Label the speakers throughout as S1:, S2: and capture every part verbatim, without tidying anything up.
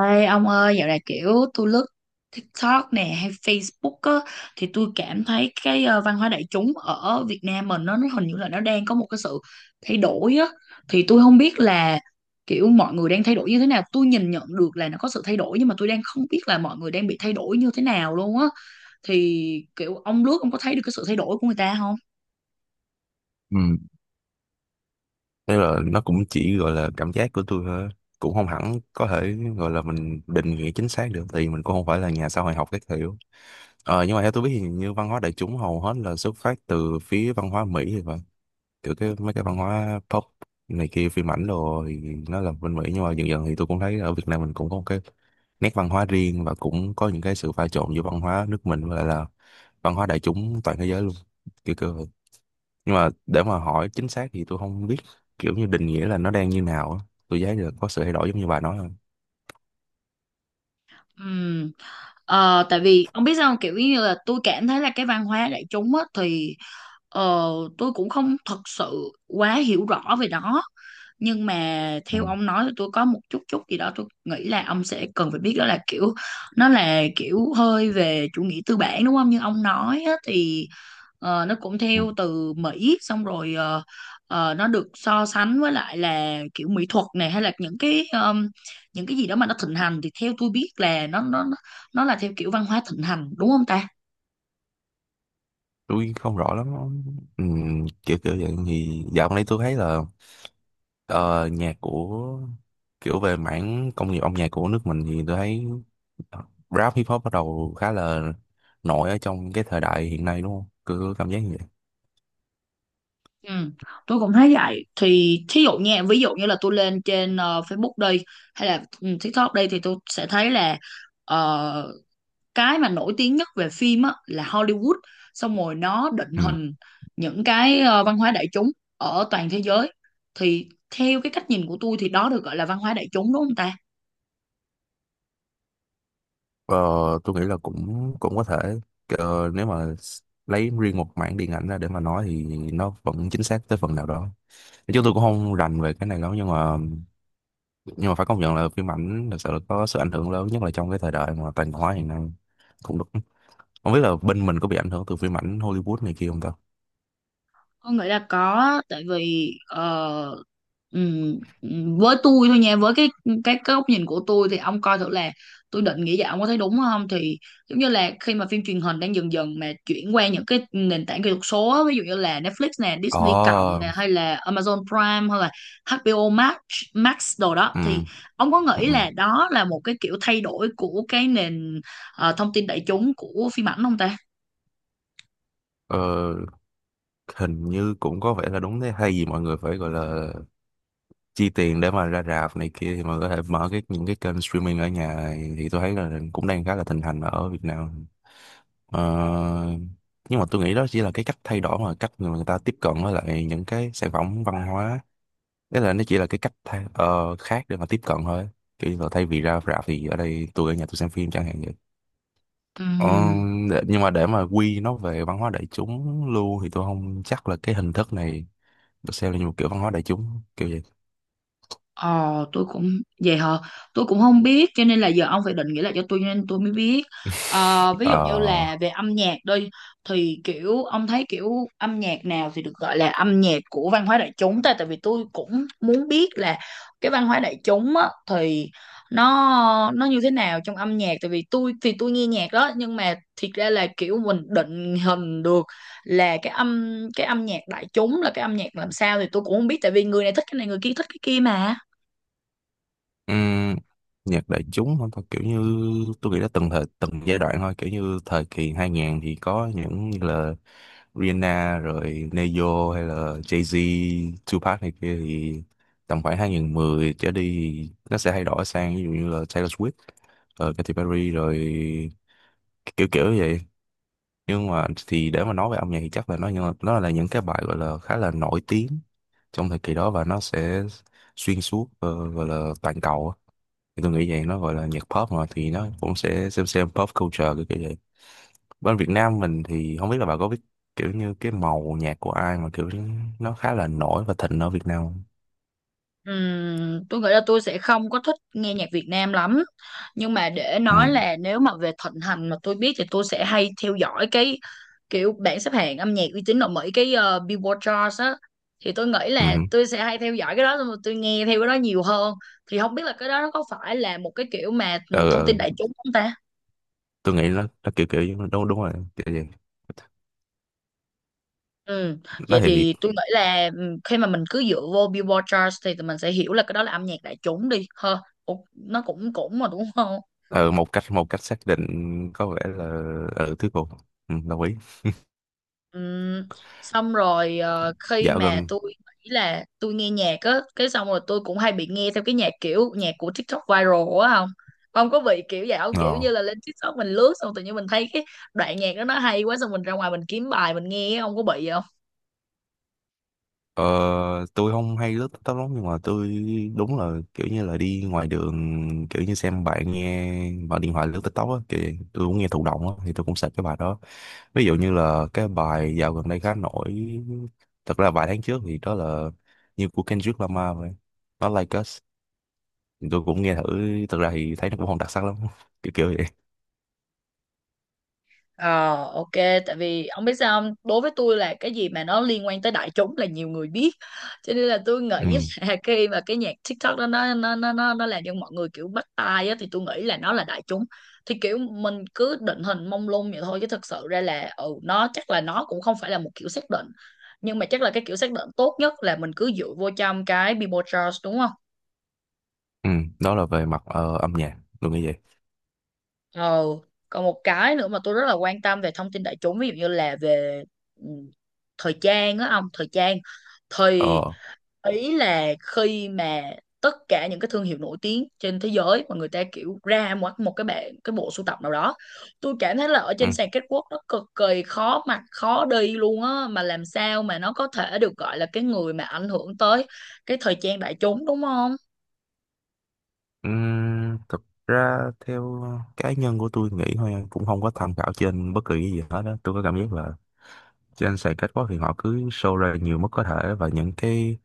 S1: Ê ông ơi, dạo này kiểu tôi lướt TikTok nè hay Facebook á, thì tôi cảm thấy cái ờ, văn hóa đại chúng ở Việt Nam mình nó, nó hình như là nó đang có một cái sự thay đổi á. Thì tôi không biết là kiểu mọi người đang thay đổi như thế nào. Tôi nhìn nhận được là nó có sự thay đổi nhưng mà tôi đang không biết là mọi người đang bị thay đổi như thế nào luôn á. Thì kiểu ông lướt, ông có thấy được cái sự thay đổi của người ta không?
S2: Ừ. Thế là nó cũng chỉ gọi là cảm giác của tôi thôi, cũng không hẳn có thể gọi là mình định nghĩa chính xác được, thì mình cũng không phải là nhà xã hội học các kiểu. Ờ, nhưng mà theo tôi biết thì như văn hóa đại chúng hầu hết là xuất phát từ phía văn hóa Mỹ thì phải, kiểu cái mấy cái văn hóa pop này kia, phim ảnh đồ thì nó là bên Mỹ, nhưng mà dần dần thì tôi cũng thấy ở Việt Nam mình cũng có một cái nét văn hóa riêng, và cũng có những cái sự pha trộn giữa văn hóa nước mình và lại là văn hóa đại chúng toàn thế giới luôn, kiểu kiểu vậy. Nhưng mà để mà hỏi chính xác thì tôi không biết, kiểu như định nghĩa là nó đang như nào á. Tôi giá là có sự thay đổi giống như bà nói không?
S1: Ừm, ờ, tại vì ông biết sao không? Kiểu như là tôi cảm thấy là cái văn hóa đại chúng á, thì ờ, tôi cũng không thật sự quá hiểu rõ về đó, nhưng mà
S2: Ừ.
S1: theo ông nói thì tôi có một chút chút gì đó tôi nghĩ là ông sẽ cần phải biết, đó là kiểu nó là kiểu hơi về chủ nghĩa tư bản đúng không, như ông nói á, thì ờ, nó cũng
S2: Ừ.
S1: theo từ Mỹ xong rồi ờ, ờ, nó được so sánh với lại là kiểu mỹ thuật này hay là những cái những cái gì đó mà nó thịnh hành, thì theo tôi biết là nó nó nó nó là theo kiểu văn hóa thịnh hành đúng không ta?
S2: Tôi không rõ lắm. Ừ, kiểu kiểu vậy thì dạo gần đây tôi thấy là, ờ, nhạc của, kiểu về mảng công nghiệp âm nhạc của nước mình thì tôi thấy ờ, rap hip hop bắt đầu khá là nổi ở trong cái thời đại hiện nay, đúng không, cứ cảm giác như vậy.
S1: Ừ, tôi cũng thấy vậy. Thì thí dụ nha, ví dụ như là tôi lên trên ờ, Facebook đây hay là ừ, TikTok đây thì tôi sẽ thấy là ờ, cái mà nổi tiếng nhất về phim á là Hollywood, xong rồi nó định
S2: Ừ.
S1: hình những cái ờ, văn hóa đại chúng ở toàn thế giới. Thì theo cái cách nhìn của tôi thì đó được gọi là văn hóa đại chúng đúng không ta?
S2: Ờ, tôi nghĩ là cũng cũng có thể. Ờ, nếu mà s- lấy riêng một mảng điện ảnh ra để mà nói thì nó vẫn chính xác tới phần nào đó. Chứ tôi cũng không rành về cái này lắm, nhưng mà nhưng mà phải công nhận là phim ảnh thật sự là có sự ảnh hưởng lớn, nhất là trong cái thời đại mà toàn cầu hóa hiện nay. Cũng được. Không biết là bên mình có bị ảnh hưởng từ phim ảnh Hollywood này kia không ta?
S1: Con nghĩ là có á, tại vì ờ, ừm, ừm, với tôi thôi nha, với cái cái cái góc nhìn của tôi thì ông coi thử là tôi định nghĩ vậy ông có thấy đúng không, thì giống như là khi mà phim truyền hình đang dần dần mà chuyển qua những cái nền tảng kỹ thuật số á, ví dụ như là Netflix nè, Disney cộng nè,
S2: Ồ,
S1: hay là Amazon Prime, hay là hát bê ô Max Max đồ đó,
S2: ừ,
S1: thì ông có
S2: ừ,
S1: nghĩ
S2: ừ.
S1: là đó là một cái kiểu thay đổi của cái nền ờ, thông tin đại chúng của phim ảnh không ta?
S2: Ờ, hình như cũng có vẻ là đúng thế hay gì, mọi người phải gọi là chi tiền để mà ra rạp này kia, thì mà có thể mở cái những cái kênh streaming ở nhà này, thì tôi thấy là cũng đang khá là thịnh hành ở Việt Nam. Ờ, nhưng mà tôi nghĩ đó chỉ là cái cách thay đổi mà cách mà người ta tiếp cận với lại những cái sản phẩm văn hóa, tức là nó chỉ là cái cách thay, ờ, khác để mà tiếp cận thôi, kiểu như là thay vì ra rạp thì ở đây tôi ở nhà tôi xem phim chẳng hạn vậy. Ờ,
S1: Ừm.
S2: để- nhưng mà để mà quy nó về văn hóa đại chúng luôn thì tôi không chắc là cái hình thức này được xem là như một kiểu văn hóa đại chúng kiểu vậy.
S1: Ờ, tôi cũng. Vậy hả? Tôi cũng không biết, cho nên là giờ ông phải định nghĩa lại cho tôi, cho nên tôi mới biết. Ờ, ví
S2: Ờ.
S1: dụ như là về âm nhạc đi, thì kiểu ông thấy kiểu âm nhạc nào thì được gọi là âm nhạc của văn hóa đại chúng ta? Tại vì tôi cũng muốn biết là cái văn hóa đại chúng á, thì nó nó như thế nào trong âm nhạc. Tại vì tôi thì tôi nghe nhạc đó, nhưng mà thiệt ra là kiểu mình định hình được là cái âm cái âm nhạc đại chúng là cái âm nhạc làm sao thì tôi cũng không biết, tại vì người này thích cái này người kia thích cái kia mà.
S2: Ừm, nhạc đại chúng không thôi, kiểu như tôi nghĩ là từng thời từng giai đoạn thôi, kiểu như thời kỳ hai không không không thì có những như là Rihanna rồi Neyo, hay là Jay-Z, Tupac này kia, thì tầm khoảng hai nghìn không trăm mười trở đi thì nó sẽ thay đổi sang ví dụ như là Taylor Swift, ờ, Katy Perry, rồi kiểu kiểu như vậy. Nhưng mà thì để mà nói về âm nhạc thì chắc là nó như- nó là những cái bài gọi là khá là nổi tiếng trong thời kỳ đó, và nó sẽ xuyên suốt, ờ, gọi là toàn cầu á, thì tôi nghĩ vậy. Nó gọi là nhạc pop mà, thì nó cũng sẽ xem xem pop culture cái kiểu vậy. Bên Việt Nam mình thì không biết là bà có biết kiểu như cái màu nhạc của ai mà kiểu nó khá là nổi và thịnh ở Việt Nam không?
S1: Ừm, tôi nghĩ là tôi sẽ không có thích nghe nhạc Việt Nam lắm, nhưng mà để
S2: Ừ.
S1: nói là nếu mà về thịnh hành mà tôi biết thì tôi sẽ hay theo dõi cái kiểu bảng xếp hạng âm nhạc uy tín ở Mỹ, cái ờ, Billboard Charts á, thì tôi nghĩ là
S2: Ừ.
S1: tôi sẽ hay theo dõi cái đó xong rồi tôi nghe theo cái đó nhiều hơn. Thì không biết là cái đó nó có phải là một cái kiểu mà
S2: Ừ,
S1: ừ, thông tin
S2: ừ.
S1: đại chúng không ta?
S2: Tôi nghĩ nó nó kiểu kiểu đúng đúng rồi kiểu vậy.
S1: Ừ.
S2: Nó
S1: Vậy
S2: thì thì-
S1: thì tôi nghĩ là ừ, khi mà mình cứ dựa vô Billboard Charts thì tụi mình sẽ hiểu là cái đó là âm nhạc đại chúng đi ha. Ủa, nó cũng cũng mà đúng không?
S2: ờ, một cách một cách xác định có vẻ là, ừ, thuyết phục. Ừ, đồng ý.
S1: Ừm, xong rồi ờ, khi
S2: Dạo
S1: mà
S2: gần
S1: tôi nghĩ là tôi nghe nhạc á, cái xong rồi tôi cũng hay bị nghe theo cái nhạc kiểu nhạc của TikTok viral á, không, không có bị kiểu vậy không? Kiểu
S2: ờ
S1: như là lên TikTok mình lướt xong tự nhiên mình thấy cái đoạn nhạc đó nó hay quá, xong mình ra ngoài mình kiếm bài mình nghe. Không có bị vậy?
S2: Ờ, tôi không hay lướt TikTok lắm, nhưng mà tôi đúng là kiểu như là đi ngoài đường, kiểu như xem bạn nghe, bạn điện thoại lướt TikTok á, thì tôi cũng nghe thụ động á, thì tôi cũng sạch cái bài đó. Ví dụ như là cái bài dạo gần đây khá nổi, thật ra vài tháng trước thì đó là như của Kendrick Lamar vậy, nó Like Us. Thì tôi cũng nghe thử, thật ra thì thấy nó cũng không đặc sắc lắm kiểu kiểu vậy.
S1: Ờ, ok, tại vì ông biết sao không? Đối với tôi là cái gì mà nó liên quan tới đại chúng là nhiều người biết. Cho nên là tôi
S2: Ừ.
S1: nghĩ là khi mà cái nhạc TikTok đó nó nó nó nó nó làm cho mọi người kiểu bắt tai á thì tôi nghĩ là nó là đại chúng. Thì kiểu mình cứ định hình mông lung vậy thôi, chứ thực sự ra là ừ nó chắc là nó cũng không phải là một kiểu xác định. Nhưng mà chắc là cái kiểu xác định tốt nhất là mình cứ dựa vô trong cái Billboard Charts đúng không?
S2: Ừ. Đó là về mặt ờ, âm nhạc, tôi nghĩ vậy.
S1: Ờ, còn một cái nữa mà tôi rất là quan tâm về thông tin đại chúng, ví dụ như là về ừ, thời trang á, ông, thời trang thì
S2: Ờ.
S1: ý là khi mà tất cả những cái thương hiệu nổi tiếng trên thế giới mà người ta kiểu ra một một cái bạn cái bộ sưu tập nào đó, tôi cảm thấy là ở
S2: Ừ.
S1: trên sàn catwalk nó cực kỳ khó mặc khó đi luôn á, mà làm sao mà nó có thể được gọi là cái người mà ảnh hưởng tới cái thời trang đại chúng đúng không?
S2: Uhm, thực ra theo cá nhân của tôi nghĩ thôi, cũng không có tham khảo trên bất kỳ cái gì hết đó. Tôi có cảm giác là trên sàn catwalk thì họ cứ show ra nhiều mức có thể, và những cái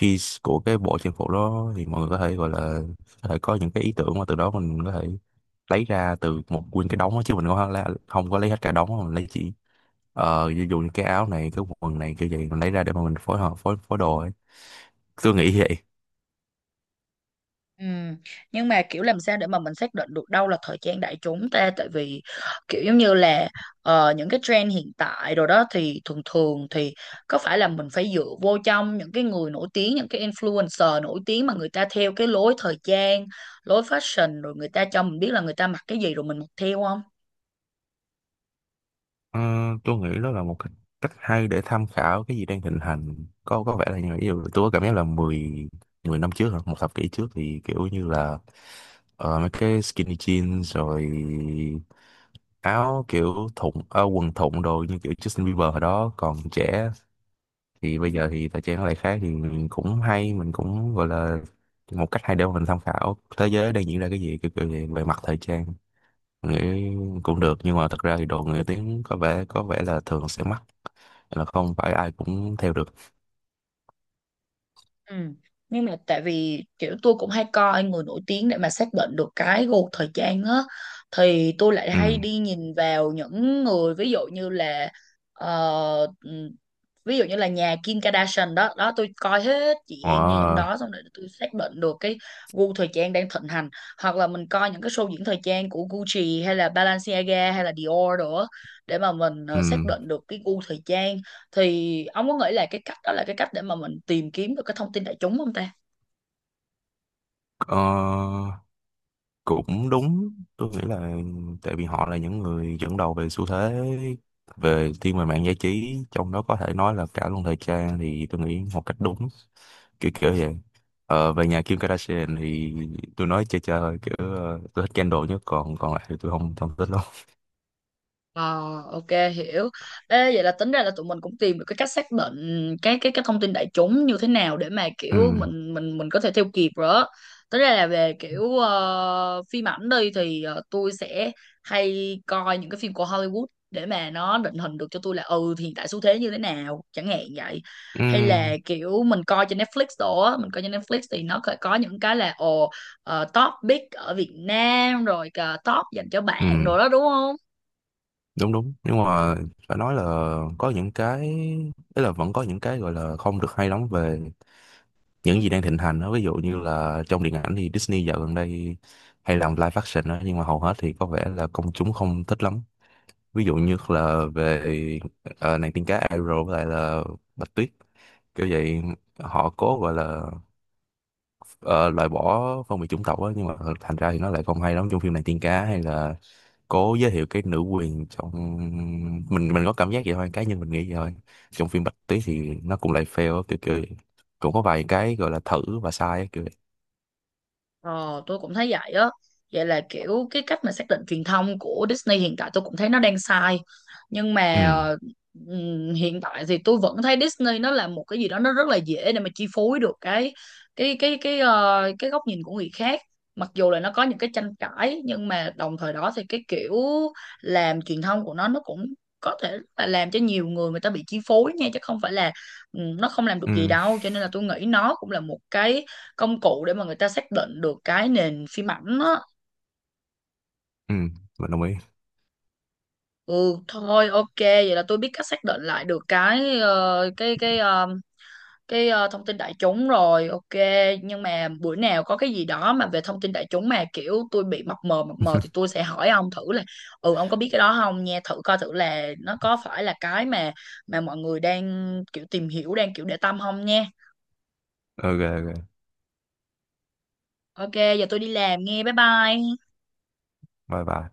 S2: piece của cái bộ trang phục đó thì mọi người có thể gọi là, có thể có những cái ý tưởng mà từ đó mình có thể lấy ra từ một nguyên cái đống đó, chứ mình không, la- không có lấy hết cả đống, mà mình lấy chỉ ờ ví dụ như cái áo này, cái quần này, kiểu vậy mình lấy ra để mà mình phối hợp phối phối đồ ấy. Tôi nghĩ vậy.
S1: Ừ. Nhưng mà kiểu làm sao để mà mình xác định được đâu là thời trang đại chúng ta? Tại vì kiểu giống như là ờ, những cái trend hiện tại rồi đó thì thường thường thì có phải là mình phải dựa vô trong những cái người nổi tiếng, những cái influencer nổi tiếng mà người ta theo cái lối thời trang, lối fashion rồi người ta cho mình biết là người ta mặc cái gì rồi mình mặc theo không?
S2: Ờ, tôi nghĩ đó là một cách, cách hay để tham khảo cái gì đang thịnh hành, có có vẻ là như vậy. Ví dụ tôi có cảm giác là mười mười năm trước hả, một thập kỷ trước, thì kiểu như là ờ, mấy cái skinny jeans, rồi áo kiểu thụng, ờ, quần thụng đồ như kiểu Justin Bieber hồi đó còn trẻ. Thì bây giờ thì thời trang nó lại khác, thì mình cũng hay, mình cũng gọi là một cách hay để mà mình tham khảo thế giới đang diễn ra cái gì, kiểu kiểu về, về, mặt thời trang. Mình nghĩ cũng được, nhưng mà thật ra thì đồ người tiếng có vẻ có vẻ là thường sẽ mắc, là không phải ai cũng theo được.
S1: Ừ. Nhưng mà tại vì kiểu tôi cũng hay coi người nổi tiếng để mà xác định được cái gu thời trang á, thì tôi lại
S2: Ừ.
S1: hay đi nhìn vào những người, ví dụ như là ờ, ừm, ví dụ như là nhà Kim Kardashian đó đó, tôi coi hết chị em nhà trong đó
S2: Họ.
S1: xong rồi tôi xác định được cái gu thời trang đang thịnh hành, hoặc là mình coi những cái show diễn thời trang của Gucci hay là Balenciaga hay là Dior nữa, để mà mình
S2: Ừ.
S1: ờ, xác định được cái gu thời trang. Thì ông có nghĩ là cái cách đó là cái cách để mà mình tìm kiếm được cái thông tin đại chúng không ta?
S2: Ờ, cũng đúng, tôi nghĩ là, tại vì họ là những người dẫn đầu về xu thế, về thiên về mạng giải trí, trong đó có thể nói là cả luôn thời trang, thì tôi nghĩ một cách đúng, kiểu kiểu vậy. Ờ, về nhà Kim Kardashian thì tôi nói chơi chơi thôi kiểu, ờ, tôi thích Kendall nhất, còn còn lại thì tôi không không thích lắm.
S1: Ờ, ok, hiểu. Ê, vậy là tính ra là tụi mình cũng tìm được cái cách xác định cái cái cái thông tin đại chúng như thế nào để mà
S2: Ừ.
S1: kiểu mình mình mình có thể theo kịp rồi á. Tính ra là về kiểu ờ, phim ảnh đi thì ờ, tôi sẽ hay coi những cái phim của Hollywood để mà nó định hình được cho tôi là ừ thì hiện tại xu thế như thế nào chẳng hạn vậy.
S2: Ừ.
S1: Hay là kiểu mình coi trên Netflix đồ á, mình coi trên Netflix thì nó có, có những cái là ồ ờ, top big ở Việt Nam rồi cả top dành cho
S2: Ừ,
S1: bạn đồ đó đúng không?
S2: đúng đúng, nhưng mà phải nói là có những cái ấy, là vẫn có những cái gọi là không được hay lắm về những gì đang thịnh hành đó. Ví dụ như là trong điện ảnh thì Disney dạo gần đây hay làm live action đó, nhưng mà hầu hết thì có vẻ là công chúng không thích lắm. Ví dụ như là về ờ, nàng tiên cá Ariel, với lại là Bạch Tuyết, kiểu vậy. Họ cố gọi là ờ, loại bỏ phân biệt chủng tộc á, nhưng mà thành ra thì nó lại không hay lắm trong phim nàng tiên cá, hay là cố giới thiệu cái nữ quyền trong, mình mình có cảm giác vậy thôi, cá nhân mình nghĩ vậy thôi, trong phim Bạch Tuyết, thì nó cũng lại fail á, kiểu kiểu vậy. Cũng có vài cái gọi là thử và sai á, kiểu vậy.
S1: Ờ, tôi cũng thấy vậy á. Vậy là kiểu cái cách mà xác định truyền thông của Disney hiện tại tôi cũng thấy nó đang sai. Nhưng
S2: Ừ.
S1: mà ờ, ừm, hiện tại thì tôi vẫn thấy Disney nó là một cái gì đó nó rất là dễ để mà chi phối được cái cái cái cái ờ, cái góc nhìn của người khác. Mặc dù là nó có những cái tranh cãi nhưng mà đồng thời đó thì cái kiểu làm truyền thông của nó nó cũng có thể là làm cho nhiều người, người ta bị chi phối nha, chứ không phải là ừm, nó không làm được gì
S2: Ừ.
S1: đâu. Cho nên là tôi nghĩ nó cũng là một cái công cụ để mà người ta xác định được cái nền phim ảnh á.
S2: Ừ, mình đồng ý.
S1: Ừ, thôi ok, vậy là tôi biết cách xác định lại được cái ờ, cái cái ờ, cái ờ, thông tin đại chúng rồi. Ok. Nhưng mà bữa nào có cái gì đó mà về thông tin đại chúng mà kiểu tôi bị mập mờ mập mờ thì tôi sẽ hỏi ông thử là ừ ông có biết cái đó không nha, thử coi thử là nó có phải là cái mà mà mọi người đang kiểu tìm hiểu, đang kiểu để tâm không nha.
S2: Ok, ok.
S1: Ok, giờ tôi đi làm nghe. Bye bye.
S2: Bye bye.